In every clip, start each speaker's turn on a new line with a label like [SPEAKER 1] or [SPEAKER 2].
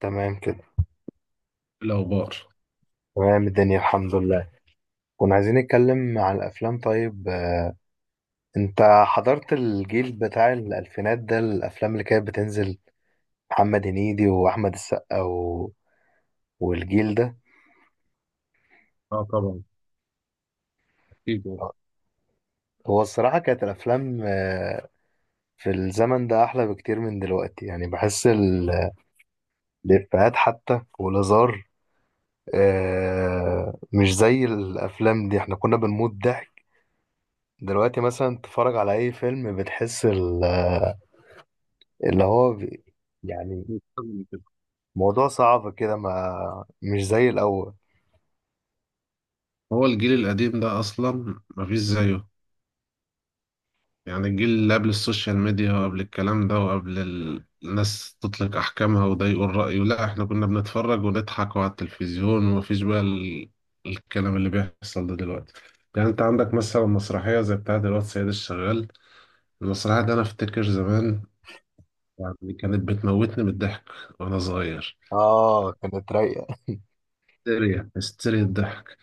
[SPEAKER 1] تمام كده.
[SPEAKER 2] الأخبار.
[SPEAKER 1] تمام، الدنيا الحمد لله. كنا عايزين نتكلم عن الافلام. طيب، انت حضرت الجيل بتاع الالفينات ده، الافلام اللي كانت بتنزل، محمد هنيدي واحمد السقا والجيل ده.
[SPEAKER 2] اه، طبعا، اكيد يعني.
[SPEAKER 1] هو الصراحة كانت الافلام في الزمن ده احلى بكتير من دلوقتي، يعني بحس الافيهات حتى والهزار، مش زي الافلام دي، احنا كنا بنموت ضحك. دلوقتي مثلا تتفرج على اي فيلم بتحس ال اللي هو بي- يعني
[SPEAKER 2] مش لازم كده.
[SPEAKER 1] موضوع صعب كده، ما مش زي الأول.
[SPEAKER 2] هو الجيل القديم ده أصلا مفيش زيه. يعني الجيل اللي قبل السوشيال ميديا وقبل الكلام ده وقبل الناس تطلق أحكامها، وده يقول رأيه. لا، إحنا كنا بنتفرج ونضحك على التلفزيون، ومفيش بقى الكلام اللي بيحصل ده دلوقتي. يعني أنت عندك مثلا مسرحية زي بتاعة الواد سيد الشغال. المسرحية دي أنا أفتكر زمان، يعني كانت بتموتني من الضحك وأنا صغير.
[SPEAKER 1] اه، كانت رايقة.
[SPEAKER 2] هستيريا، هستيريا الضحك.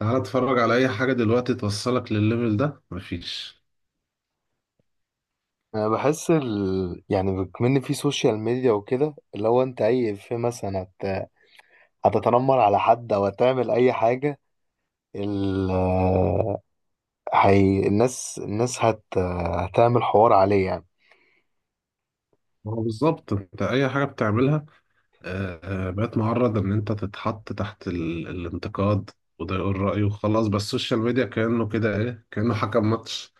[SPEAKER 2] تعالى اتفرج على اي حاجة دلوقتي توصلك للليفل ده، مفيش.
[SPEAKER 1] انا بحس يعني بكمن في سوشيال ميديا وكده، اللي هو انت اي في مثلا هتتنمر على حد او هتعمل اي حاجة، ال... الناس هتعمل حوار عليه يعني.
[SPEAKER 2] ما هو بالظبط انت اي حاجة بتعملها آه، بقت معرض ان انت تتحط تحت الانتقاد، وده يقول رأيه وخلاص. بس السوشيال ميديا كأنه كده ايه، كأنه حكم ماتش،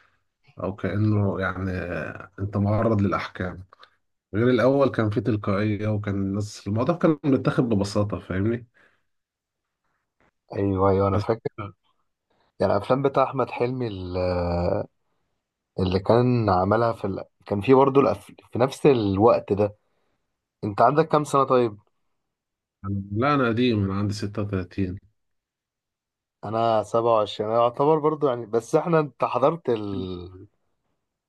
[SPEAKER 2] او كأنه يعني انت معرض للاحكام. غير الاول، كان في تلقائية، وكان الناس الموضوع كان متاخد ببساطة، فاهمني؟
[SPEAKER 1] ايوه، ايوه، انا
[SPEAKER 2] بس.
[SPEAKER 1] فاكر. يعني الافلام بتاع احمد حلمي اللي كان عملها كان في برضه في نفس الوقت ده. انت عندك كام سنة؟ طيب،
[SPEAKER 2] لا، انا قديم، انا عندي 36.
[SPEAKER 1] انا 27، انا يعتبر برضو يعني، بس احنا انت حضرت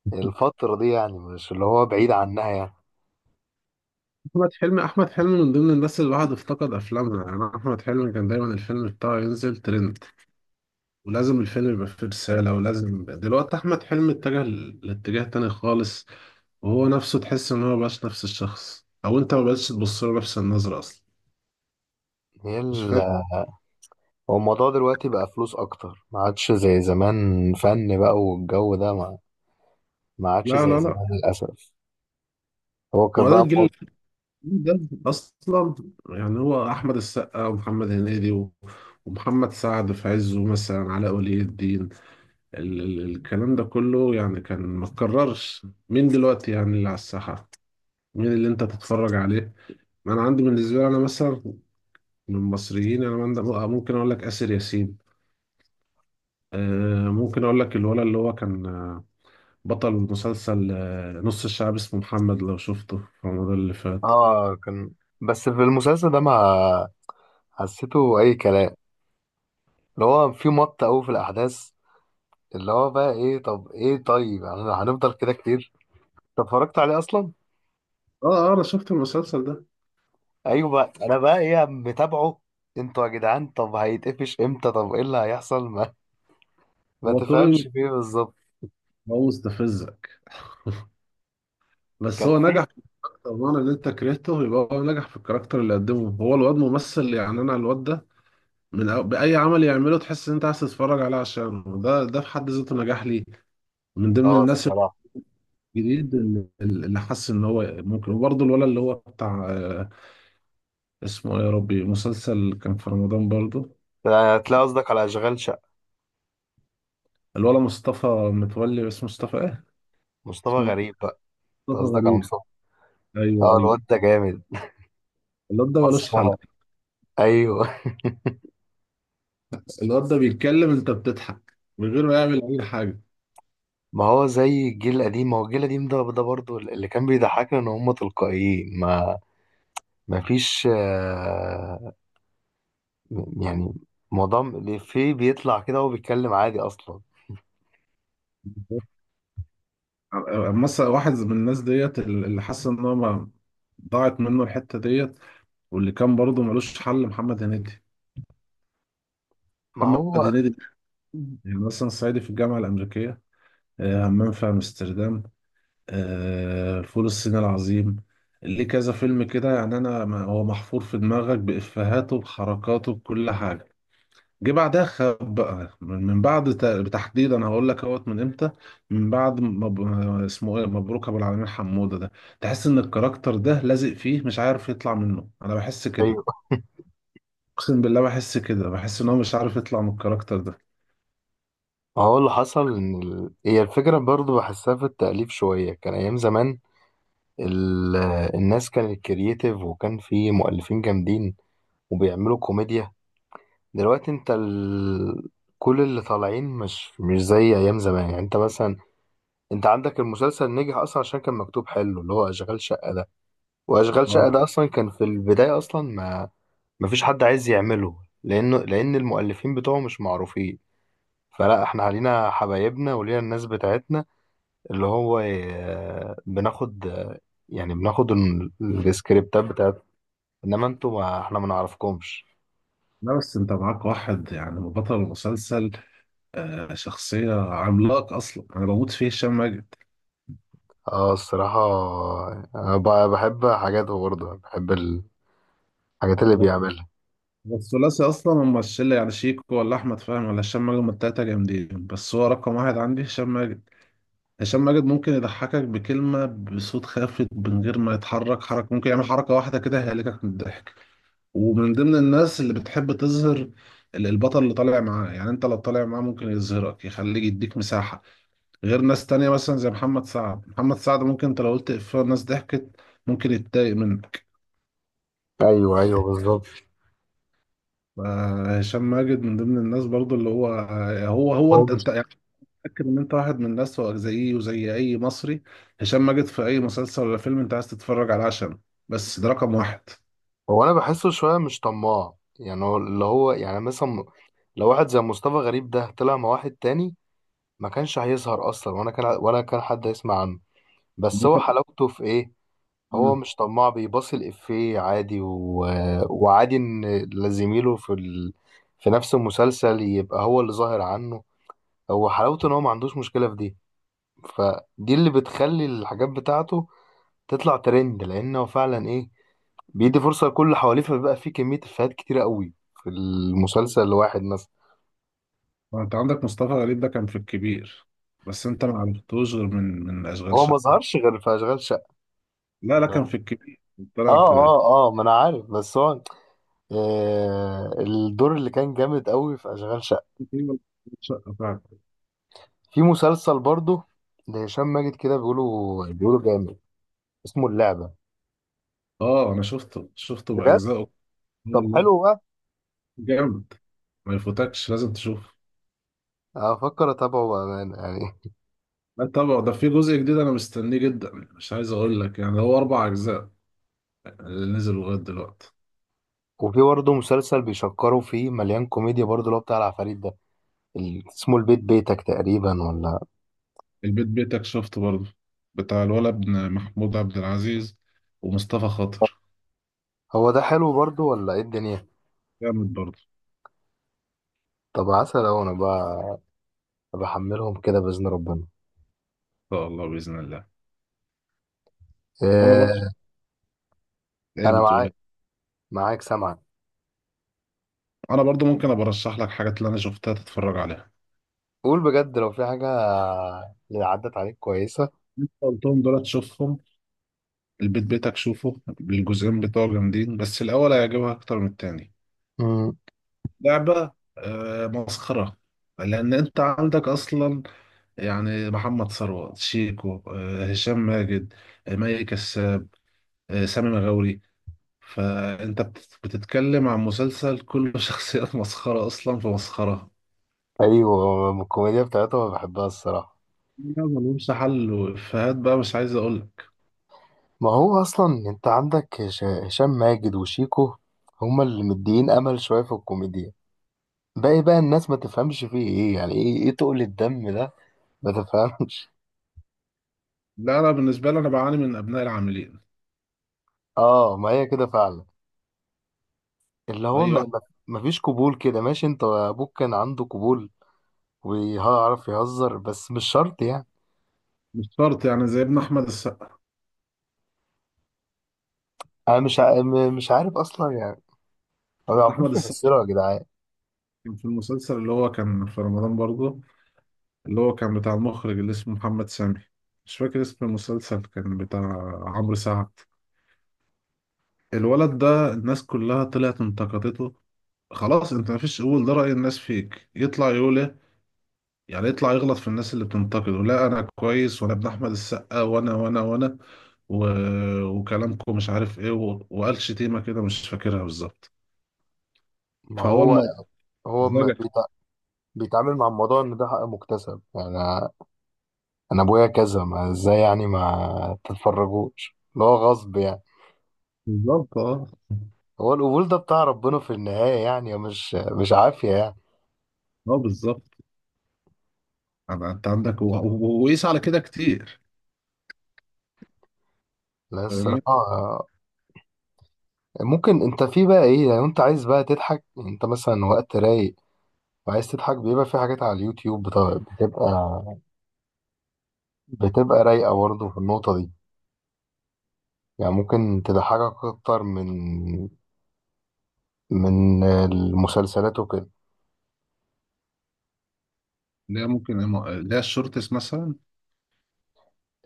[SPEAKER 1] الفترة دي، يعني مش اللي هو بعيد عنها يعني.
[SPEAKER 2] احمد حلمي، احمد حلمي من ضمن الناس اللي الواحد افتقد افلامها. يعني احمد حلمي كان دايما الفيلم بتاعه ينزل ترند، ولازم الفيلم يبقى فيه رساله. ولازم دلوقتي احمد حلمي اتجه لاتجاه تاني خالص، وهو نفسه تحس ان هو مبقاش نفس الشخص، او انت مبقتش تبص له نفس النظره اصلا.
[SPEAKER 1] هي
[SPEAKER 2] مش
[SPEAKER 1] ال...
[SPEAKER 2] فاهم.
[SPEAKER 1] هو الموضوع دلوقتي بقى فلوس اكتر، ما عادش زي زمان فن بقى، والجو ده ما عادش
[SPEAKER 2] لا
[SPEAKER 1] زي
[SPEAKER 2] لا لا.
[SPEAKER 1] زمان للاسف. هو كان
[SPEAKER 2] وبعدين
[SPEAKER 1] بقى
[SPEAKER 2] الجيل
[SPEAKER 1] مو...
[SPEAKER 2] اللي ده اصلا، يعني هو احمد السقا، ومحمد هنيدي، ومحمد سعد في عزه، مثلا علاء ولي الدين، الكلام ده كله، يعني كان ما اتكررش. مين دلوقتي يعني اللي على الساحة؟ مين اللي انت تتفرج عليه؟ ما انا عندي، بالنسبة لي انا مثلا من المصريين، انا ممكن اقول لك آسر ياسين. ممكن اقول لك الولد اللي هو كان، بطل مسلسل نص الشعب، اسمه محمد، لو شفته في رمضان اللي فات.
[SPEAKER 1] اه، كان. بس في المسلسل ده ما حسيته اي كلام، اللي هو في مط قوي في الاحداث، اللي هو بقى ايه، طب ايه، طيب يعني هنفضل كده كتير. انت اتفرجت عليه اصلا؟
[SPEAKER 2] اه اه، انا شفت المسلسل ده.
[SPEAKER 1] ايوه بقى، انا بقى ايه متابعه. انتوا يا جدعان، طب هيتقفش امتى؟ طب ايه اللي هيحصل؟ ما
[SPEAKER 2] هو طول
[SPEAKER 1] تفهمش
[SPEAKER 2] الم-
[SPEAKER 1] فيه بالظبط.
[SPEAKER 2] هو مستفزك، بس
[SPEAKER 1] كان
[SPEAKER 2] هو
[SPEAKER 1] في،
[SPEAKER 2] نجح. طبعا ان انت كرهته يبقى هو نجح في الكاركتر اللي قدمه. هو الواد ممثل، يعني انا الواد ده من بأي عمل يعمله تحس إن أنت عايز تتفرج عليه، عشان ده في حد ذاته نجاح ليه. من ضمن
[SPEAKER 1] اه،
[SPEAKER 2] الناس
[SPEAKER 1] الصراحه.
[SPEAKER 2] الجديد اللي حس إن هو ممكن. وبرضه الولد اللي هو بتاع، اسمه إيه يا ربي، مسلسل كان في رمضان برضه،
[SPEAKER 1] هتلاقي قصدك على اشغال شقه.
[SPEAKER 2] الولد مصطفى متولي، اسمه مصطفى إيه؟
[SPEAKER 1] مصطفى
[SPEAKER 2] اسمه
[SPEAKER 1] غريب بقى. انت
[SPEAKER 2] مصطفى
[SPEAKER 1] قصدك على
[SPEAKER 2] غريب.
[SPEAKER 1] مصطفى.
[SPEAKER 2] أيوه
[SPEAKER 1] اه،
[SPEAKER 2] أيوه.
[SPEAKER 1] الواد ده جامد،
[SPEAKER 2] الواد ده ملوش حل.
[SPEAKER 1] مسخره. ايوه.
[SPEAKER 2] الواد ده بيتكلم أنت بتضحك من غير ما يعمل أي حاجة.
[SPEAKER 1] ما هو زي الجيل القديم، ما هو الجيل القديم ده برضه اللي كان بيضحكنا ان هم تلقائيين، ما فيش يعني موضوع الإفيه بيطلع كده وهو بيتكلم عادي اصلا.
[SPEAKER 2] مثلا واحد من الناس ديت اللي حاسس إن هو ضاعت منه الحتة ديت، واللي كان برضه ملوش حل محمد هنيدي.
[SPEAKER 1] ما
[SPEAKER 2] محمد
[SPEAKER 1] هو،
[SPEAKER 2] هنيدي ده، يعني مثلا صعيدي في الجامعة الأمريكية، همام في أمستردام، فول الصين العظيم، ليه كذا فيلم كده يعني. أنا هو محفور في دماغك، بإفيهاته، بحركاته، بكل حاجة. جه بعدها خاب بقى، من بعد تحديدا أنا هقول لك اهوت من إمتى. من بعد اسمه إيه مبروك أبو العلمين حمودة ده، تحس إن الكاركتر ده لازق فيه، مش عارف يطلع منه، أنا بحس كده.
[SPEAKER 1] ايوه.
[SPEAKER 2] اقسم بالله بحس كده، بحس ان هو مش عارف يطلع من الكاركتر ده.
[SPEAKER 1] هو اللي حصل ان هي الفكره برضو بحسها في التاليف شويه، كان ايام زمان ال... الناس كانت كرييتيف، وكان في مؤلفين جامدين وبيعملوا كوميديا. دلوقتي انت كل اللي طالعين مش زي ايام زمان، يعني انت مثلا، انت عندك المسلسل نجح اصلا عشان كان مكتوب حلو، اللي هو اشغال شقه ده. واشغال شقه
[SPEAKER 2] اه.
[SPEAKER 1] ده اصلا كان في البدايه اصلا، ما فيش حد عايز يعمله، لان المؤلفين بتوعه مش معروفين، فلا احنا علينا حبايبنا ولينا الناس بتاعتنا اللي هو، بناخد يعني بناخد السكريبتات بتاعت، انما انتوا ما احنا ما نعرفكمش.
[SPEAKER 2] لا بس انت معاك واحد يعني بطل المسلسل، شخصية عملاق اصلا، انا بموت فيه، هشام ماجد.
[SPEAKER 1] اه، الصراحة انا بحب حاجاته، برضه بحب الحاجات اللي
[SPEAKER 2] هو
[SPEAKER 1] بيعملها.
[SPEAKER 2] هو الثلاثي اصلا هم الشلة. يعني شيكو، ولا احمد فهمي، ولا هشام ماجد، هم التلاتة جامدين، بس هو رقم واحد عندي هشام ماجد. هشام ماجد ممكن يضحكك بكلمة بصوت خافت من غير ما يتحرك حركة، ممكن يعمل حركة واحدة كده هيهلكك من الضحك. ومن ضمن الناس اللي بتحب تظهر البطل اللي طالع معاه، يعني انت لو طالع معاه ممكن يظهرك، يخليك يديك مساحة، غير ناس تانية مثلا زي محمد سعد. محمد سعد ممكن انت لو قلت إفيه الناس ضحكت ممكن يتضايق منك.
[SPEAKER 1] ايوه، ايوه، بالظبط.
[SPEAKER 2] هشام ماجد من ضمن الناس برضو اللي هو، هو
[SPEAKER 1] هو
[SPEAKER 2] انت
[SPEAKER 1] مش
[SPEAKER 2] انت يعني متأكد ان انت واحد من الناس، هو زيي وزي اي مصري، هشام ماجد في اي مسلسل ولا فيلم انت عايز تتفرج على عشان، بس ده رقم واحد.
[SPEAKER 1] هو انا بحسه شوية مش طماع، يعني هو اللي هو يعني، مثلا لو واحد زي مصطفى غريب ده طلع مع واحد تاني، ما كانش هيظهر اصلا، وانا كان ولا كان حد هيسمع عنه. بس
[SPEAKER 2] انت
[SPEAKER 1] هو حلاوته في ايه؟ هو مش طماع، بيباصي الإفيه عادي، وعادي إن زميله في نفس المسلسل يبقى هو اللي ظاهر عنه. هو حلاوته إن هو ما عندوش مشكلة في دي، فدي اللي بتخلي الحاجات بتاعته تطلع ترند، لأنه فعلا إيه، بيدي فرصة لكل اللي حواليه، فبيبقى في كمية إفيهات كتيرة قوي في المسلسل الواحد مثلا.
[SPEAKER 2] ما انت عندك مصطفى غريب ده كان في الكبير، بس انت ما عرفتوش غير من اشغال
[SPEAKER 1] هو ما
[SPEAKER 2] شقه.
[SPEAKER 1] ظهرش غير في أشغال شقة.
[SPEAKER 2] لا لا كان في
[SPEAKER 1] اه،
[SPEAKER 2] الكبير. طلع في،
[SPEAKER 1] اه، اه، ما انا عارف، بس هو، آه الدور اللي كان جامد قوي في اشغال شقة.
[SPEAKER 2] تقريباً أشغال شقه فعلا.
[SPEAKER 1] في مسلسل برضه لهشام ماجد كده، بيقولوا جامد، اسمه اللعبة.
[SPEAKER 2] اه انا شفته
[SPEAKER 1] بجد؟
[SPEAKER 2] باجزائه.
[SPEAKER 1] طب
[SPEAKER 2] والله
[SPEAKER 1] حلو بقى،
[SPEAKER 2] جامد، ما يفوتكش لازم تشوفه.
[SPEAKER 1] هفكر اتابعه بأمانة يعني.
[SPEAKER 2] لا طبعا، ده في جزء جديد انا مستنيه جدا، مش عايز اقول لك، يعني هو اربع اجزاء اللي نزلوا لغايه دلوقتي.
[SPEAKER 1] وفي برضه مسلسل بيشكروا فيه، مليان كوميديا برضه، اللي هو بتاع العفاريت ده، اسمه البيت بيتك تقريبا ولا؟
[SPEAKER 2] البيت بيتك شفته برضه، بتاع الولد ابن محمود عبد العزيز ومصطفى خاطر.
[SPEAKER 1] هو ده حلو برضه ولا ايه الدنيا؟
[SPEAKER 2] جامد برضه.
[SPEAKER 1] طب عسل اهو، انا بقى بحملهم كده بإذن ربنا.
[SPEAKER 2] ان شاء الله، باذن الله. وانا
[SPEAKER 1] إيه؟
[SPEAKER 2] برضه، ايه
[SPEAKER 1] انا
[SPEAKER 2] بتقول
[SPEAKER 1] معاك،
[SPEAKER 2] إيه؟
[SPEAKER 1] معاك، سامعك.
[SPEAKER 2] انا برضو ممكن ابقى ارشح لك حاجات اللي انا شفتها تتفرج عليها،
[SPEAKER 1] قول بجد لو في حاجة اللي عدت عليك كويسة.
[SPEAKER 2] قلتهم دول تشوفهم. البيت بيتك شوفه، الجزئين بتوع جامدين، بس الاول هيعجبها اكتر من التاني.
[SPEAKER 1] مم.
[SPEAKER 2] لعبة. آه، مسخرة، لان انت عندك اصلا، يعني محمد ثروت، شيكو، هشام ماجد، مي كساب، سامي مغاوري، فانت بتتكلم عن مسلسل كله شخصيات مسخرة، اصلا في مسخرة.
[SPEAKER 1] ايوه، الكوميديا بتاعتهم أنا بحبها الصراحة.
[SPEAKER 2] لا ملهمش حل، وإفيهات بقى مش عايز اقول لك.
[SPEAKER 1] ما هو اصلا انت عندك هشام ماجد وشيكو، هما اللي مديين امل شويه في الكوميديا. باقي بقى الناس ما تفهمش فيه ايه، يعني ايه تقل الدم ده، ما تفهمش.
[SPEAKER 2] لا انا بالنسبة لي انا بعاني من ابناء العاملين.
[SPEAKER 1] اه، ما هي كده فعلا، اللي هو، ما,
[SPEAKER 2] ايوه،
[SPEAKER 1] ما ما فيش قبول كده. ماشي، انت ابوك كان عنده قبول ويعرف يهزر، بس مش شرط يعني.
[SPEAKER 2] مش شرط يعني زي ابن احمد السقا.
[SPEAKER 1] انا مش ع- م- مش عارف اصلا يعني، ما
[SPEAKER 2] احمد
[SPEAKER 1] بيعرفوش
[SPEAKER 2] السقا
[SPEAKER 1] يمثلوا يا جدعان.
[SPEAKER 2] كان في المسلسل اللي هو كان في رمضان برضه، اللي هو كان بتاع المخرج اللي اسمه محمد سامي، مش فاكر اسم المسلسل، كان بتاع عمرو سعد. الولد ده الناس كلها طلعت انتقدته، خلاص. انت مفيش، قول ده رأي الناس فيك، يطلع يقول ايه؟ يعني يطلع يغلط في الناس اللي بتنتقده: لا انا كويس، وانا ابن احمد السقا، وانا وانا وانا و... وكلامكم مش عارف ايه، وقال شتيمة كده مش فاكرها بالظبط.
[SPEAKER 1] ما
[SPEAKER 2] فهو
[SPEAKER 1] هو
[SPEAKER 2] الموضوع.
[SPEAKER 1] ما بيتعامل مع الموضوع ان ده حق مكتسب يعني، انا ابويا كذا، ما ازاي يعني؟ ما تتفرجوش، اللي هو غصب يعني.
[SPEAKER 2] بالظبط اه،
[SPEAKER 1] هو القبول ده بتاع ربنا في النهاية يعني، مش عافية يعني.
[SPEAKER 2] اه بالظبط. انت عندك، وقيس على كده كتير،
[SPEAKER 1] لا، الصراحة
[SPEAKER 2] فاهمني.
[SPEAKER 1] ممكن انت في بقى ايه، لو انت عايز بقى تضحك يعني، انت مثلا وقت رايق وعايز تضحك، بيبقى في حاجات على اليوتيوب، بتبقى رايقة برضه في النقطة دي، يعني ممكن تضحكك اكتر من المسلسلات وكده.
[SPEAKER 2] لا ممكن، لا الشورتس مثلا.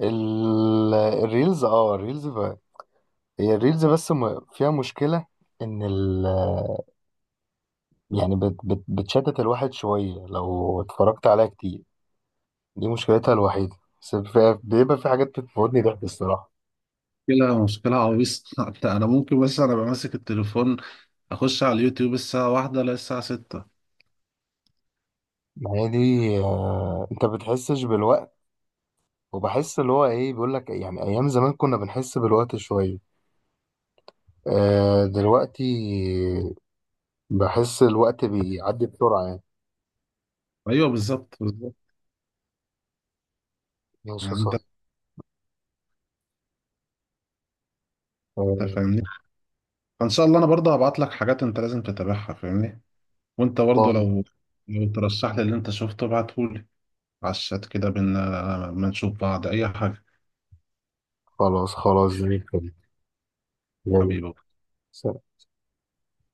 [SPEAKER 1] الريلز، الريلز هي الريلز، بس فيها مشكلة، ان يعني بت بت بتشتت الواحد شوية لو اتفرجت عليها كتير، دي مشكلتها الوحيدة. بس بيبقى في حاجات بتموتني ضحك الصراحة.
[SPEAKER 2] مشكلة، مشكلة عويصة. انا ممكن، بس انا بمسك ماسك التليفون، اخش على اليوتيوب الساعة واحدة، لا الساعة ستة.
[SPEAKER 1] ما هي دي، انت بتحسش بالوقت، وبحس اللي هو ايه بيقول لك، يعني ايام زمان كنا بنحس بالوقت شوية، دلوقتي بحس الوقت بيعدي بسرعة يعني.
[SPEAKER 2] ايوه، بالظبط بالظبط.
[SPEAKER 1] ماشي يا
[SPEAKER 2] يعني انت،
[SPEAKER 1] صاحبي.
[SPEAKER 2] أنت
[SPEAKER 1] آه،
[SPEAKER 2] فاهمني. فان شاء الله، انا برضه هبعت لك حاجات انت لازم تتابعها، فاهمني. وانت برضه
[SPEAKER 1] باي.
[SPEAKER 2] لو ترشح لي اللي انت شفته ابعتهولي على الشات كده بينا، ما نشوف بعض اي حاجة.
[SPEAKER 1] خلاص، خلاص، زي الفل. يلا.
[SPEAKER 2] حبيبي.